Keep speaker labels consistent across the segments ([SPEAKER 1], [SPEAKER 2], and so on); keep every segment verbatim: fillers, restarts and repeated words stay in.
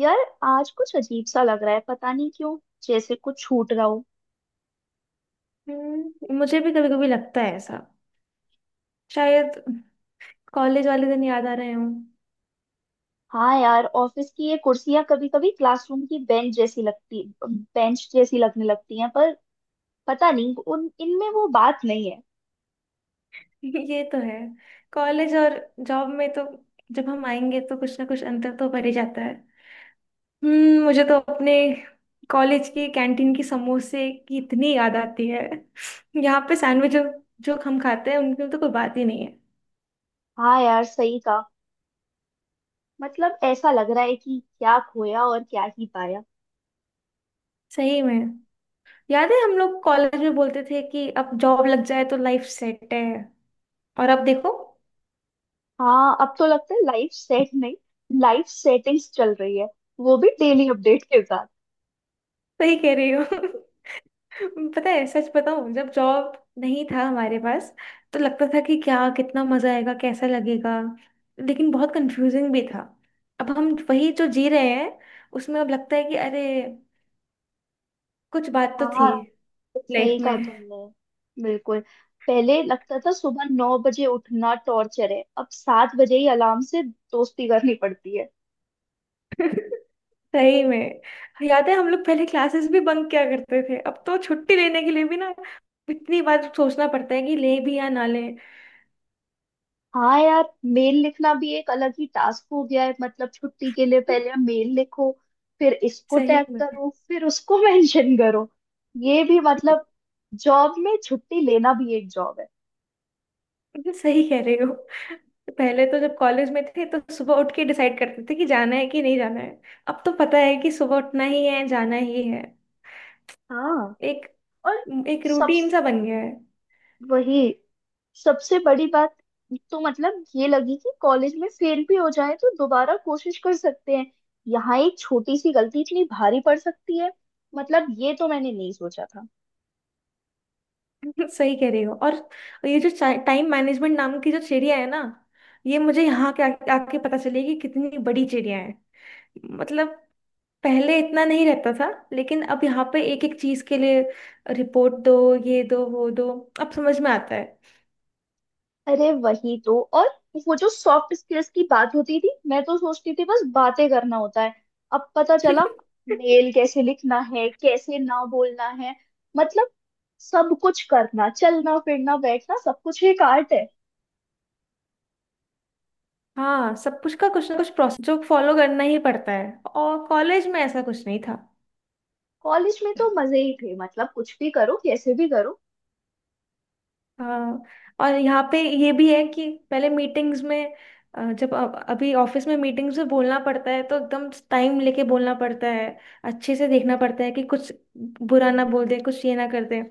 [SPEAKER 1] यार, आज कुछ अजीब सा लग रहा है। पता नहीं क्यों। जैसे कुछ छूट रहा हो।
[SPEAKER 2] हम्म, मुझे भी कभी कभी लगता है ऐसा। शायद कॉलेज वाले दिन याद आ रहे हों।
[SPEAKER 1] हाँ यार, ऑफिस की ये कुर्सियां कभी कभी क्लासरूम की बेंच जैसी लगती बेंच जैसी लगने लगती हैं। पर पता नहीं, उन इनमें वो बात नहीं है।
[SPEAKER 2] ये तो है। कॉलेज और जॉब में तो जब हम आएंगे तो कुछ ना कुछ अंतर तो पड़ ही जाता है। हम्म, मुझे तो अपने कॉलेज की कैंटीन की समोसे की इतनी याद आती है। यहाँ पे सैंडविच जो, जो हम खाते हैं उनकी तो कोई बात ही नहीं है।
[SPEAKER 1] हाँ यार, सही कहा। मतलब ऐसा लग रहा है कि क्या खोया और क्या ही पाया।
[SPEAKER 2] सही में, याद है हम लोग कॉलेज में बोलते थे कि अब जॉब लग जाए तो लाइफ सेट है। और अब देखो।
[SPEAKER 1] हाँ, अब तो लगता है लाइफ सेट नहीं, लाइफ सेटिंग्स चल रही है, वो भी डेली अपडेट के साथ।
[SPEAKER 2] सही कह रही हो। पता है, सच बताऊं, जब जॉब नहीं था हमारे पास तो लगता था कि क्या कितना मजा आएगा, कैसा लगेगा। लेकिन बहुत कंफ्यूजिंग भी था। अब हम वही जो जी रहे हैं उसमें अब लगता है कि अरे कुछ बात तो
[SPEAKER 1] हाँ
[SPEAKER 2] थी लाइफ
[SPEAKER 1] सही
[SPEAKER 2] में।
[SPEAKER 1] कहा तुमने। बिल्कुल। पहले लगता था सुबह नौ बजे उठना टॉर्चर है, अब सात बजे ही अलार्म से दोस्ती करनी पड़ती है।
[SPEAKER 2] सही में, याद है हम लोग पहले क्लासेस भी बंक किया करते थे। अब तो छुट्टी लेने के लिए भी ना इतनी बार सोचना पड़ता है कि ले भी या ना ले।
[SPEAKER 1] हाँ यार, मेल लिखना भी एक अलग ही टास्क हो गया है। मतलब छुट्टी के लिए पहले मेल लिखो, फिर इसको
[SPEAKER 2] सही
[SPEAKER 1] टैग
[SPEAKER 2] में।
[SPEAKER 1] करो, फिर उसको मेंशन करो। ये भी मतलब, जॉब में छुट्टी लेना भी एक जॉब है।
[SPEAKER 2] सही कह रहे हो। पहले तो जब कॉलेज में थे तो सुबह उठ के डिसाइड करते थे कि जाना है कि नहीं जाना है। अब तो पता है कि सुबह उठना ही है, जाना ही है।
[SPEAKER 1] हाँ।
[SPEAKER 2] एक
[SPEAKER 1] और
[SPEAKER 2] एक
[SPEAKER 1] सब
[SPEAKER 2] रूटीन सा बन गया है।
[SPEAKER 1] वही। सबसे बड़ी बात तो मतलब ये लगी कि कॉलेज में फेल भी हो जाए तो दोबारा कोशिश कर सकते हैं। यहाँ एक छोटी सी गलती इतनी भारी पड़ सकती है। मतलब ये तो मैंने नहीं सोचा था।
[SPEAKER 2] सही कह रही हो। और ये जो टाइम मैनेजमेंट नाम की जो चिड़िया है ना, ये मुझे यहाँ के आके आके पता चली कि कितनी बड़ी चिड़िया है। मतलब पहले इतना नहीं रहता था, लेकिन अब यहाँ पे एक एक चीज के लिए रिपोर्ट दो, ये दो, वो दो। अब समझ में आता
[SPEAKER 1] अरे, वही तो। और वो जो सॉफ्ट स्किल्स की बात होती थी, मैं तो सोचती थी बस बातें करना होता है। अब पता
[SPEAKER 2] है।
[SPEAKER 1] चला मेल कैसे लिखना है, कैसे ना बोलना है। मतलब सब कुछ, करना चलना फिरना बैठना, सब कुछ एक आर्ट है।
[SPEAKER 2] हाँ, सब कुछ का कुछ ना कुछ प्रोसेस जो फॉलो करना ही पड़ता है, और कॉलेज में ऐसा कुछ नहीं था।
[SPEAKER 1] कॉलेज में तो मजे ही थे, मतलब कुछ भी करो, कैसे भी करो।
[SPEAKER 2] हाँ। और यहाँ पे ये भी है कि पहले मीटिंग्स में अ, जब अ- अभी ऑफिस में मीटिंग्स में बोलना पड़ता है तो एकदम टाइम लेके बोलना पड़ता है। अच्छे से देखना पड़ता है कि कुछ बुरा ना बोल दे, कुछ ये ना कर दे।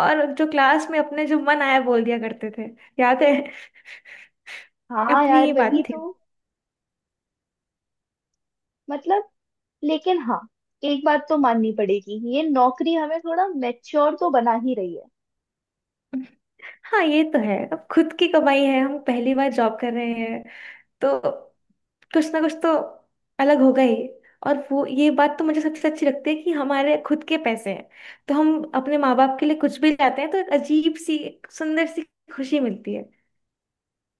[SPEAKER 2] और जो क्लास में अपने जो मन आया बोल दिया करते थे, याद है।
[SPEAKER 1] हाँ
[SPEAKER 2] अपनी
[SPEAKER 1] यार
[SPEAKER 2] ही
[SPEAKER 1] वही
[SPEAKER 2] बात थी।
[SPEAKER 1] तो। मतलब, लेकिन हाँ, एक बात तो माननी पड़ेगी, ये नौकरी हमें थोड़ा मैच्योर तो बना ही रही है।
[SPEAKER 2] हाँ ये तो है। अब खुद की कमाई है, हम पहली बार जॉब कर रहे हैं तो कुछ ना कुछ तो अलग होगा ही। और वो ये बात तो मुझे सबसे अच्छी लगती है कि हमारे खुद के पैसे हैं तो हम अपने माँ बाप के लिए कुछ भी लाते हैं तो एक अजीब सी, एक सुंदर सी खुशी मिलती है।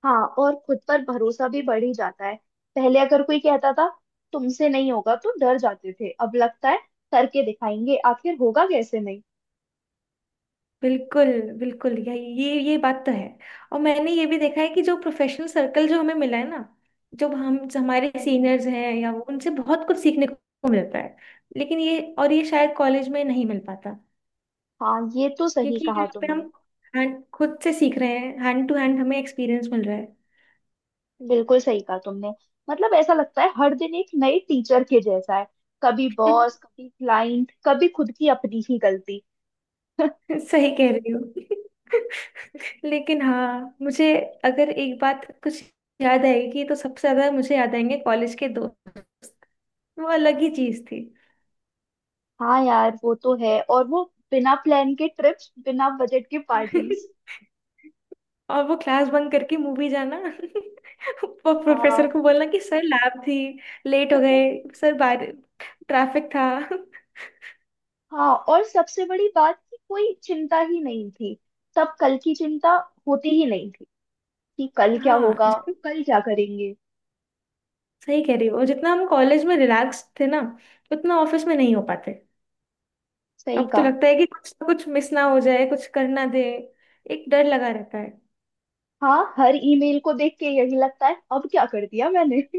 [SPEAKER 1] हाँ, और खुद पर भरोसा भी बढ़ ही जाता है। पहले अगर कोई कहता था तुमसे नहीं होगा तो डर जाते थे, अब लगता है करके दिखाएंगे, आखिर होगा कैसे नहीं।
[SPEAKER 2] बिल्कुल। बिल्कुल, ये ये ये बात तो है। और मैंने ये भी देखा है कि जो प्रोफेशनल सर्कल जो हमें मिला है ना, जो हम जो हमारे
[SPEAKER 1] हम्म।
[SPEAKER 2] सीनियर्स हैं या वो, उनसे बहुत कुछ सीखने को मिलता है। लेकिन ये और ये शायद कॉलेज में नहीं मिल पाता।
[SPEAKER 1] हाँ, ये तो सही
[SPEAKER 2] क्योंकि
[SPEAKER 1] कहा
[SPEAKER 2] यहाँ पे हम
[SPEAKER 1] तुमने।
[SPEAKER 2] हैंड खुद से सीख रहे हैं, हैंड टू हैंड हमें एक्सपीरियंस मिल रहा है।
[SPEAKER 1] बिल्कुल सही कहा तुमने। मतलब ऐसा लगता है हर दिन एक नए टीचर के जैसा है। कभी बॉस, कभी क्लाइंट, कभी खुद की अपनी ही गलती।
[SPEAKER 2] सही कह रही हो। लेकिन हाँ, मुझे अगर एक बात कुछ याद आएगी तो सबसे ज्यादा मुझे याद आएंगे कॉलेज के दोस्त। वो अलग ही चीज थी।
[SPEAKER 1] हाँ यार वो तो है। और वो बिना प्लान के ट्रिप्स, बिना बजट के पार्टीज।
[SPEAKER 2] और वो क्लास बंक करके मूवी जाना। वो प्रोफेसर
[SPEAKER 1] हाँ।
[SPEAKER 2] को बोलना कि सर लैब थी, लेट हो गए, सर बाहर ट्रैफिक था।
[SPEAKER 1] हाँ, और सबसे बड़ी बात कि कोई चिंता ही नहीं थी। तब कल की चिंता होती ही नहीं थी कि कल क्या
[SPEAKER 2] हाँ,
[SPEAKER 1] होगा, कल क्या करेंगे।
[SPEAKER 2] सही कह रही हो। और जितना हम कॉलेज में रिलैक्स थे ना, उतना ऑफिस में नहीं हो पाते।
[SPEAKER 1] सही
[SPEAKER 2] अब तो
[SPEAKER 1] कहा।
[SPEAKER 2] लगता है कि कुछ कुछ मिस ना हो जाए, कुछ करना दे, एक डर लगा रहता है।
[SPEAKER 1] हाँ, हर ईमेल को देख के यही लगता है अब क्या कर दिया मैंने।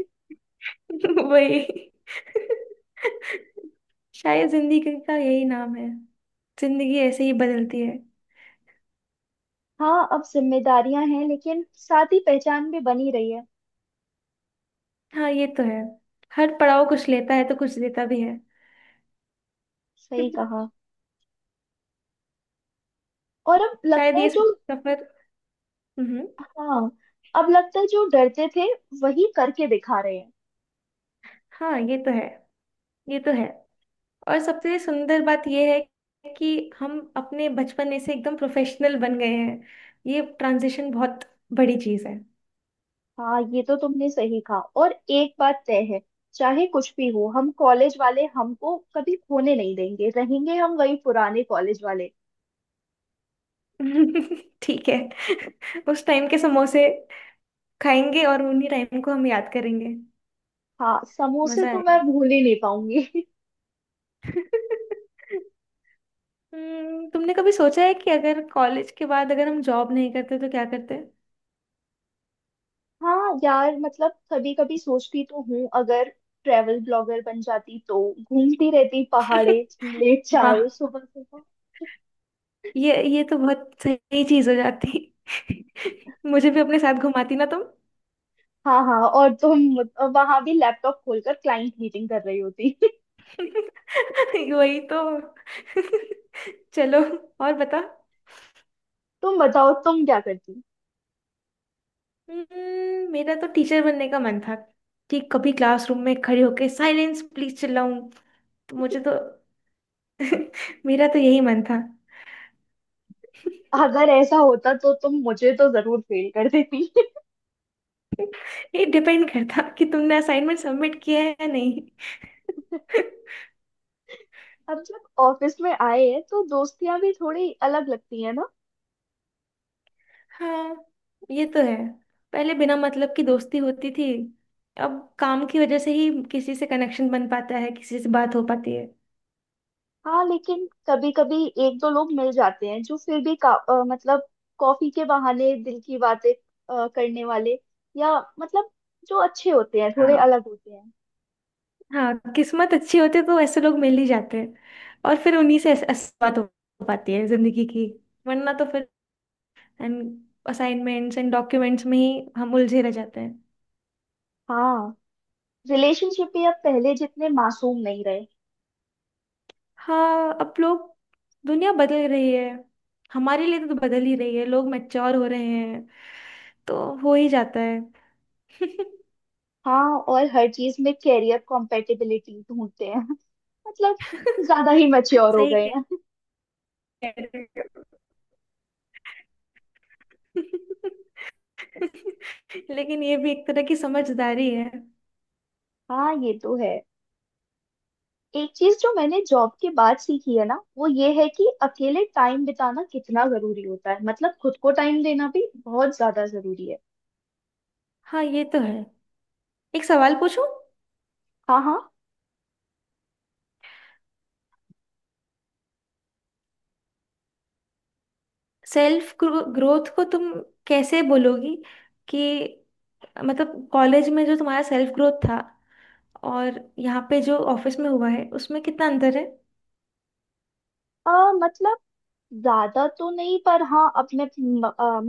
[SPEAKER 2] वही। शायद जिंदगी का यही नाम है, जिंदगी ऐसे ही बदलती है।
[SPEAKER 1] हाँ, अब जिम्मेदारियां हैं लेकिन साथ ही पहचान भी बनी रही है।
[SPEAKER 2] हाँ ये तो है। हर पड़ाव कुछ लेता है तो कुछ देता भी है।
[SPEAKER 1] सही कहा। और अब लगता
[SPEAKER 2] शायद
[SPEAKER 1] है
[SPEAKER 2] ये
[SPEAKER 1] जो
[SPEAKER 2] सफर। हम्म।
[SPEAKER 1] हाँ, अब लगता है जो डरते थे वही करके दिखा रहे हैं।
[SPEAKER 2] हाँ ये तो है। ये तो है। और सबसे सुंदर बात यह है कि हम अपने बचपने से एकदम प्रोफेशनल बन गए हैं। ये ट्रांजिशन बहुत बड़ी चीज है।
[SPEAKER 1] हाँ, ये तो तुमने सही कहा, और एक बात तय है, चाहे कुछ भी हो हम कॉलेज वाले, हमको कभी खोने नहीं देंगे, रहेंगे हम वही पुराने कॉलेज वाले।
[SPEAKER 2] ठीक है। उस टाइम के समोसे खाएंगे और उन्हीं टाइम को हम याद करेंगे।
[SPEAKER 1] हाँ, समोसे
[SPEAKER 2] मजा
[SPEAKER 1] तो
[SPEAKER 2] आएगा।
[SPEAKER 1] मैं भूल ही नहीं पाऊंगी।
[SPEAKER 2] हम्म, तुमने कभी सोचा है कि अगर कॉलेज के बाद अगर हम जॉब नहीं करते तो क्या करते?
[SPEAKER 1] हाँ यार, मतलब कभी कभी सोचती तो हूँ, अगर ट्रेवल ब्लॉगर बन जाती तो घूमती रहती, पहाड़े झीले
[SPEAKER 2] वाह!
[SPEAKER 1] चाय सुबह सुबह।
[SPEAKER 2] ये ये तो बहुत सही चीज हो जाती। मुझे भी अपने साथ घुमाती ना तुम।
[SPEAKER 1] हाँ हाँ, और तुम वहां भी लैपटॉप खोलकर क्लाइंट मीटिंग कर रही होती।
[SPEAKER 2] वही तो। चलो, और बता।
[SPEAKER 1] तुम बताओ, तुम क्या करती।
[SPEAKER 2] हम्म, मेरा तो टीचर बनने का मन था कि कभी क्लासरूम में खड़े होके साइलेंस प्लीज चिल्लाऊं। तो मुझे तो, मेरा तो यही मन था।
[SPEAKER 1] अगर ऐसा होता तो तुम मुझे तो जरूर फेल कर देती।
[SPEAKER 2] ये डिपेंड करता कि तुमने असाइनमेंट सबमिट किया है या नहीं।
[SPEAKER 1] अब जब ऑफिस में आए हैं तो दोस्तियां भी थोड़ी अलग लगती है ना।
[SPEAKER 2] हाँ ये तो है। पहले बिना मतलब की दोस्ती होती थी, अब काम की वजह से ही किसी से कनेक्शन बन पाता है, किसी से बात हो पाती है।
[SPEAKER 1] हाँ, लेकिन कभी कभी एक दो लोग मिल जाते हैं जो फिर भी का, अ, मतलब, कॉफी के बहाने दिल की बातें अ, करने वाले, या मतलब, जो अच्छे होते हैं थोड़े
[SPEAKER 2] हाँ।
[SPEAKER 1] अलग होते हैं।
[SPEAKER 2] हाँ, किस्मत अच्छी होती है तो ऐसे लोग मिल ही जाते हैं। और फिर उन्हीं से ऐस- ऐसी बात हो पाती है जिंदगी की। वरना तो फिर एंड असाइनमेंट्स एंड डॉक्यूमेंट्स में ही हम उलझे रह जाते हैं।
[SPEAKER 1] हाँ, रिलेशनशिप भी अब पहले जितने मासूम नहीं रहे।
[SPEAKER 2] हाँ, अब लोग, दुनिया बदल रही है, हमारे लिए तो बदल ही रही है, लोग मैच्योर हो रहे हैं तो हो ही जाता है।
[SPEAKER 1] हाँ, और हर चीज में कैरियर कॉम्पेटिबिलिटी ढूंढते हैं। मतलब ज्यादा ही मैच्योर हो
[SPEAKER 2] सही
[SPEAKER 1] गए
[SPEAKER 2] कह
[SPEAKER 1] हैं।
[SPEAKER 2] रहे हो। लेकिन ये भी एक तरह की समझदारी है।
[SPEAKER 1] हाँ ये तो है। एक चीज जो मैंने जॉब के बाद सीखी है ना, वो ये है कि अकेले टाइम बिताना कितना जरूरी होता है। मतलब खुद को टाइम देना भी बहुत ज्यादा जरूरी है।
[SPEAKER 2] हाँ ये तो है। एक सवाल पूछूं?
[SPEAKER 1] हाँ हाँ।
[SPEAKER 2] सेल्फ ग्रोथ को तुम कैसे बोलोगी कि, मतलब कॉलेज में जो तुम्हारा सेल्फ ग्रोथ था और यहाँ पे जो ऑफिस में हुआ है, उसमें कितना अंतर है?
[SPEAKER 1] अ, मतलब ज्यादा तो नहीं, पर हाँ अब मैं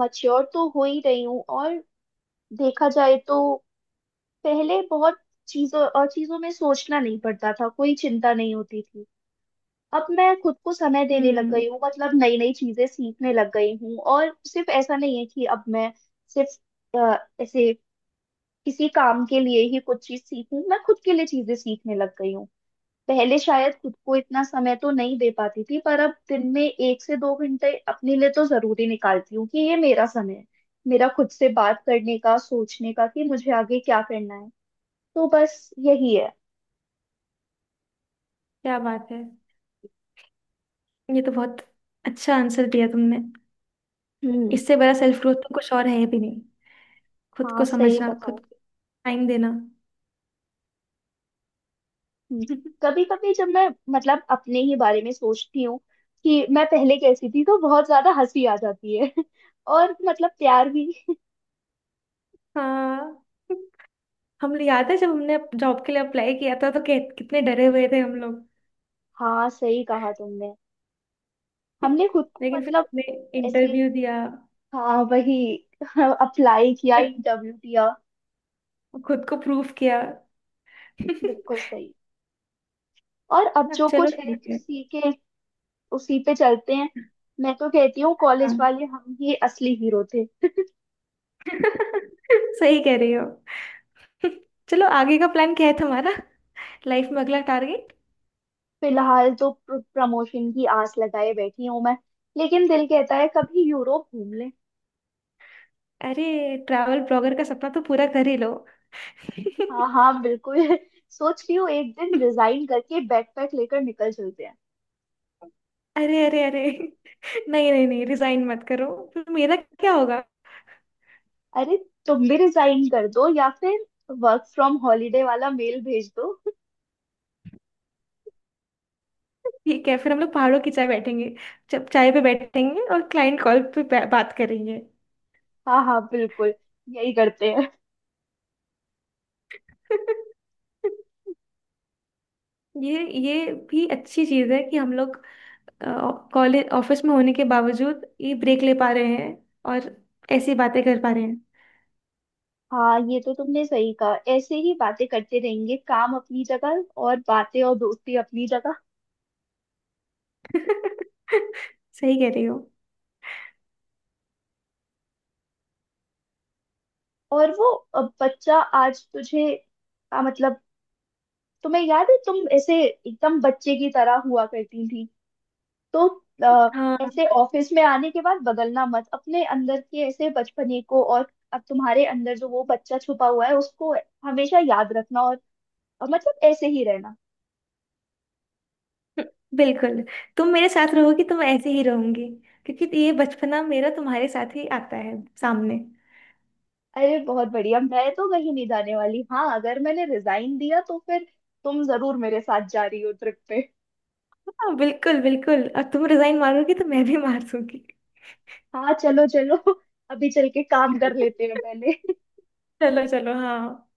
[SPEAKER 1] मच्योर तो हो ही रही हूँ। और देखा जाए तो पहले बहुत चीजों और चीजों में सोचना नहीं पड़ता था, कोई चिंता नहीं होती थी। अब मैं खुद को समय देने लग
[SPEAKER 2] हम्म।
[SPEAKER 1] गई हूँ, मतलब नई नई चीजें सीखने लग गई हूँ, और सिर्फ ऐसा नहीं है कि अब मैं सिर्फ अ, ऐसे किसी काम के लिए ही कुछ चीज सीखूं, मैं खुद के लिए चीजें सीखने लग गई हूँ। पहले शायद खुद को इतना समय तो नहीं दे पाती थी, पर अब दिन में एक से दो घंटे अपने लिए तो जरूरी निकालती हूँ कि ये मेरा समय है, मेरा खुद से बात करने का, सोचने का, कि मुझे आगे क्या करना है। तो बस यही है।
[SPEAKER 2] क्या बात है। ये तो बहुत अच्छा आंसर दिया तुमने।
[SPEAKER 1] हम्म।
[SPEAKER 2] इससे बड़ा सेल्फ ग्रोथ तो कुछ और है भी नहीं। खुद
[SPEAKER 1] हाँ
[SPEAKER 2] को
[SPEAKER 1] सही
[SPEAKER 2] समझना,
[SPEAKER 1] कहा।
[SPEAKER 2] खुद को टाइम देना।
[SPEAKER 1] हम्म। कभी कभी जब मैं, मतलब अपने ही बारे में सोचती हूँ कि मैं पहले कैसी थी, तो बहुत ज्यादा हंसी आ जाती है और मतलब प्यार भी।
[SPEAKER 2] हाँ। हम, याद है जब हमने जॉब के लिए अप्लाई किया था तो कि, कितने डरे हुए थे हम लोग।
[SPEAKER 1] हाँ सही कहा तुमने। हमने खुद को
[SPEAKER 2] लेकिन फिर
[SPEAKER 1] मतलब
[SPEAKER 2] हमने
[SPEAKER 1] ऐसे,
[SPEAKER 2] इंटरव्यू दिया,
[SPEAKER 1] हाँ वही, अप्लाई किया,
[SPEAKER 2] फिर
[SPEAKER 1] इंटरव्यू दिया।
[SPEAKER 2] खुद को प्रूफ किया।
[SPEAKER 1] बिल्कुल सही। और अब जो
[SPEAKER 2] चलो
[SPEAKER 1] कुछ है
[SPEAKER 2] ठीक है।
[SPEAKER 1] उसी के उसी पे चलते हैं। मैं तो कहती हूँ कॉलेज
[SPEAKER 2] हाँ।
[SPEAKER 1] वाले हम ही असली हीरो थे।
[SPEAKER 2] सही कह रही हो। चलो, आगे का प्लान क्या है तुम्हारा, लाइफ में अगला टारगेट?
[SPEAKER 1] फिलहाल तो प्रमोशन की आस लगाए बैठी हूँ मैं, लेकिन दिल कहता है कभी यूरोप घूम ले।
[SPEAKER 2] अरे, ट्रैवल ब्लॉगर का सपना तो पूरा कर ही लो।
[SPEAKER 1] हाँ हाँ बिल्कुल। सोच रही हूँ एक दिन रिजाइन करके बैकपैक लेकर निकल चलते हैं।
[SPEAKER 2] अरे अरे अरे, नहीं नहीं नहीं रिजाइन मत करो, फिर मेरा क्या होगा।
[SPEAKER 1] अरे, तुम भी रिजाइन कर दो, या फिर वर्क फ्रॉम हॉलीडे वाला मेल भेज दो।
[SPEAKER 2] ठीक है, फिर हम लोग पहाड़ों की चाय बैठेंगे, जब चाय पे बैठेंगे और क्लाइंट कॉल पे बा- बात करेंगे।
[SPEAKER 1] हाँ हाँ बिल्कुल, यही करते हैं।
[SPEAKER 2] ये ये भी अच्छी चीज है कि हम लोग कॉलेज ऑफिस में होने के बावजूद ये ब्रेक ले पा रहे हैं और ऐसी बातें कर पा रहे हैं।
[SPEAKER 1] हाँ ये तो तुमने सही कहा, ऐसे ही बातें करते रहेंगे, काम अपनी जगह और बातें और दोस्ती अपनी जगह।
[SPEAKER 2] सही कह रही हो।
[SPEAKER 1] और वो अ, बच्चा आज तुझे आ, मतलब तुम्हें याद है, तुम ऐसे एकदम बच्चे की तरह हुआ करती थी, तो अ,
[SPEAKER 2] हाँ,
[SPEAKER 1] ऐसे ऑफिस में आने के बाद बदलना मत अपने अंदर के ऐसे बचपने को, और अब तुम्हारे अंदर जो वो बच्चा छुपा हुआ है उसको हमेशा याद रखना, और अ, मतलब ऐसे ही रहना।
[SPEAKER 2] बिल्कुल। तुम मेरे साथ रहोगी तो मैं ऐसे ही रहूंगी, क्योंकि ये बचपना मेरा तुम्हारे साथ ही आता है सामने।
[SPEAKER 1] अरे बहुत बढ़िया, मैं तो कहीं नहीं जाने वाली। हाँ अगर मैंने रिजाइन दिया तो फिर तुम जरूर मेरे साथ जा रही हो ट्रिप पे।
[SPEAKER 2] हाँ, बिल्कुल बिल्कुल। और तुम रिजाइन मारोगी तो मैं भी मार दूंगी।
[SPEAKER 1] हाँ चलो चलो, अभी चल के काम कर लेते हैं पहले।
[SPEAKER 2] चलो चलो, हाँ।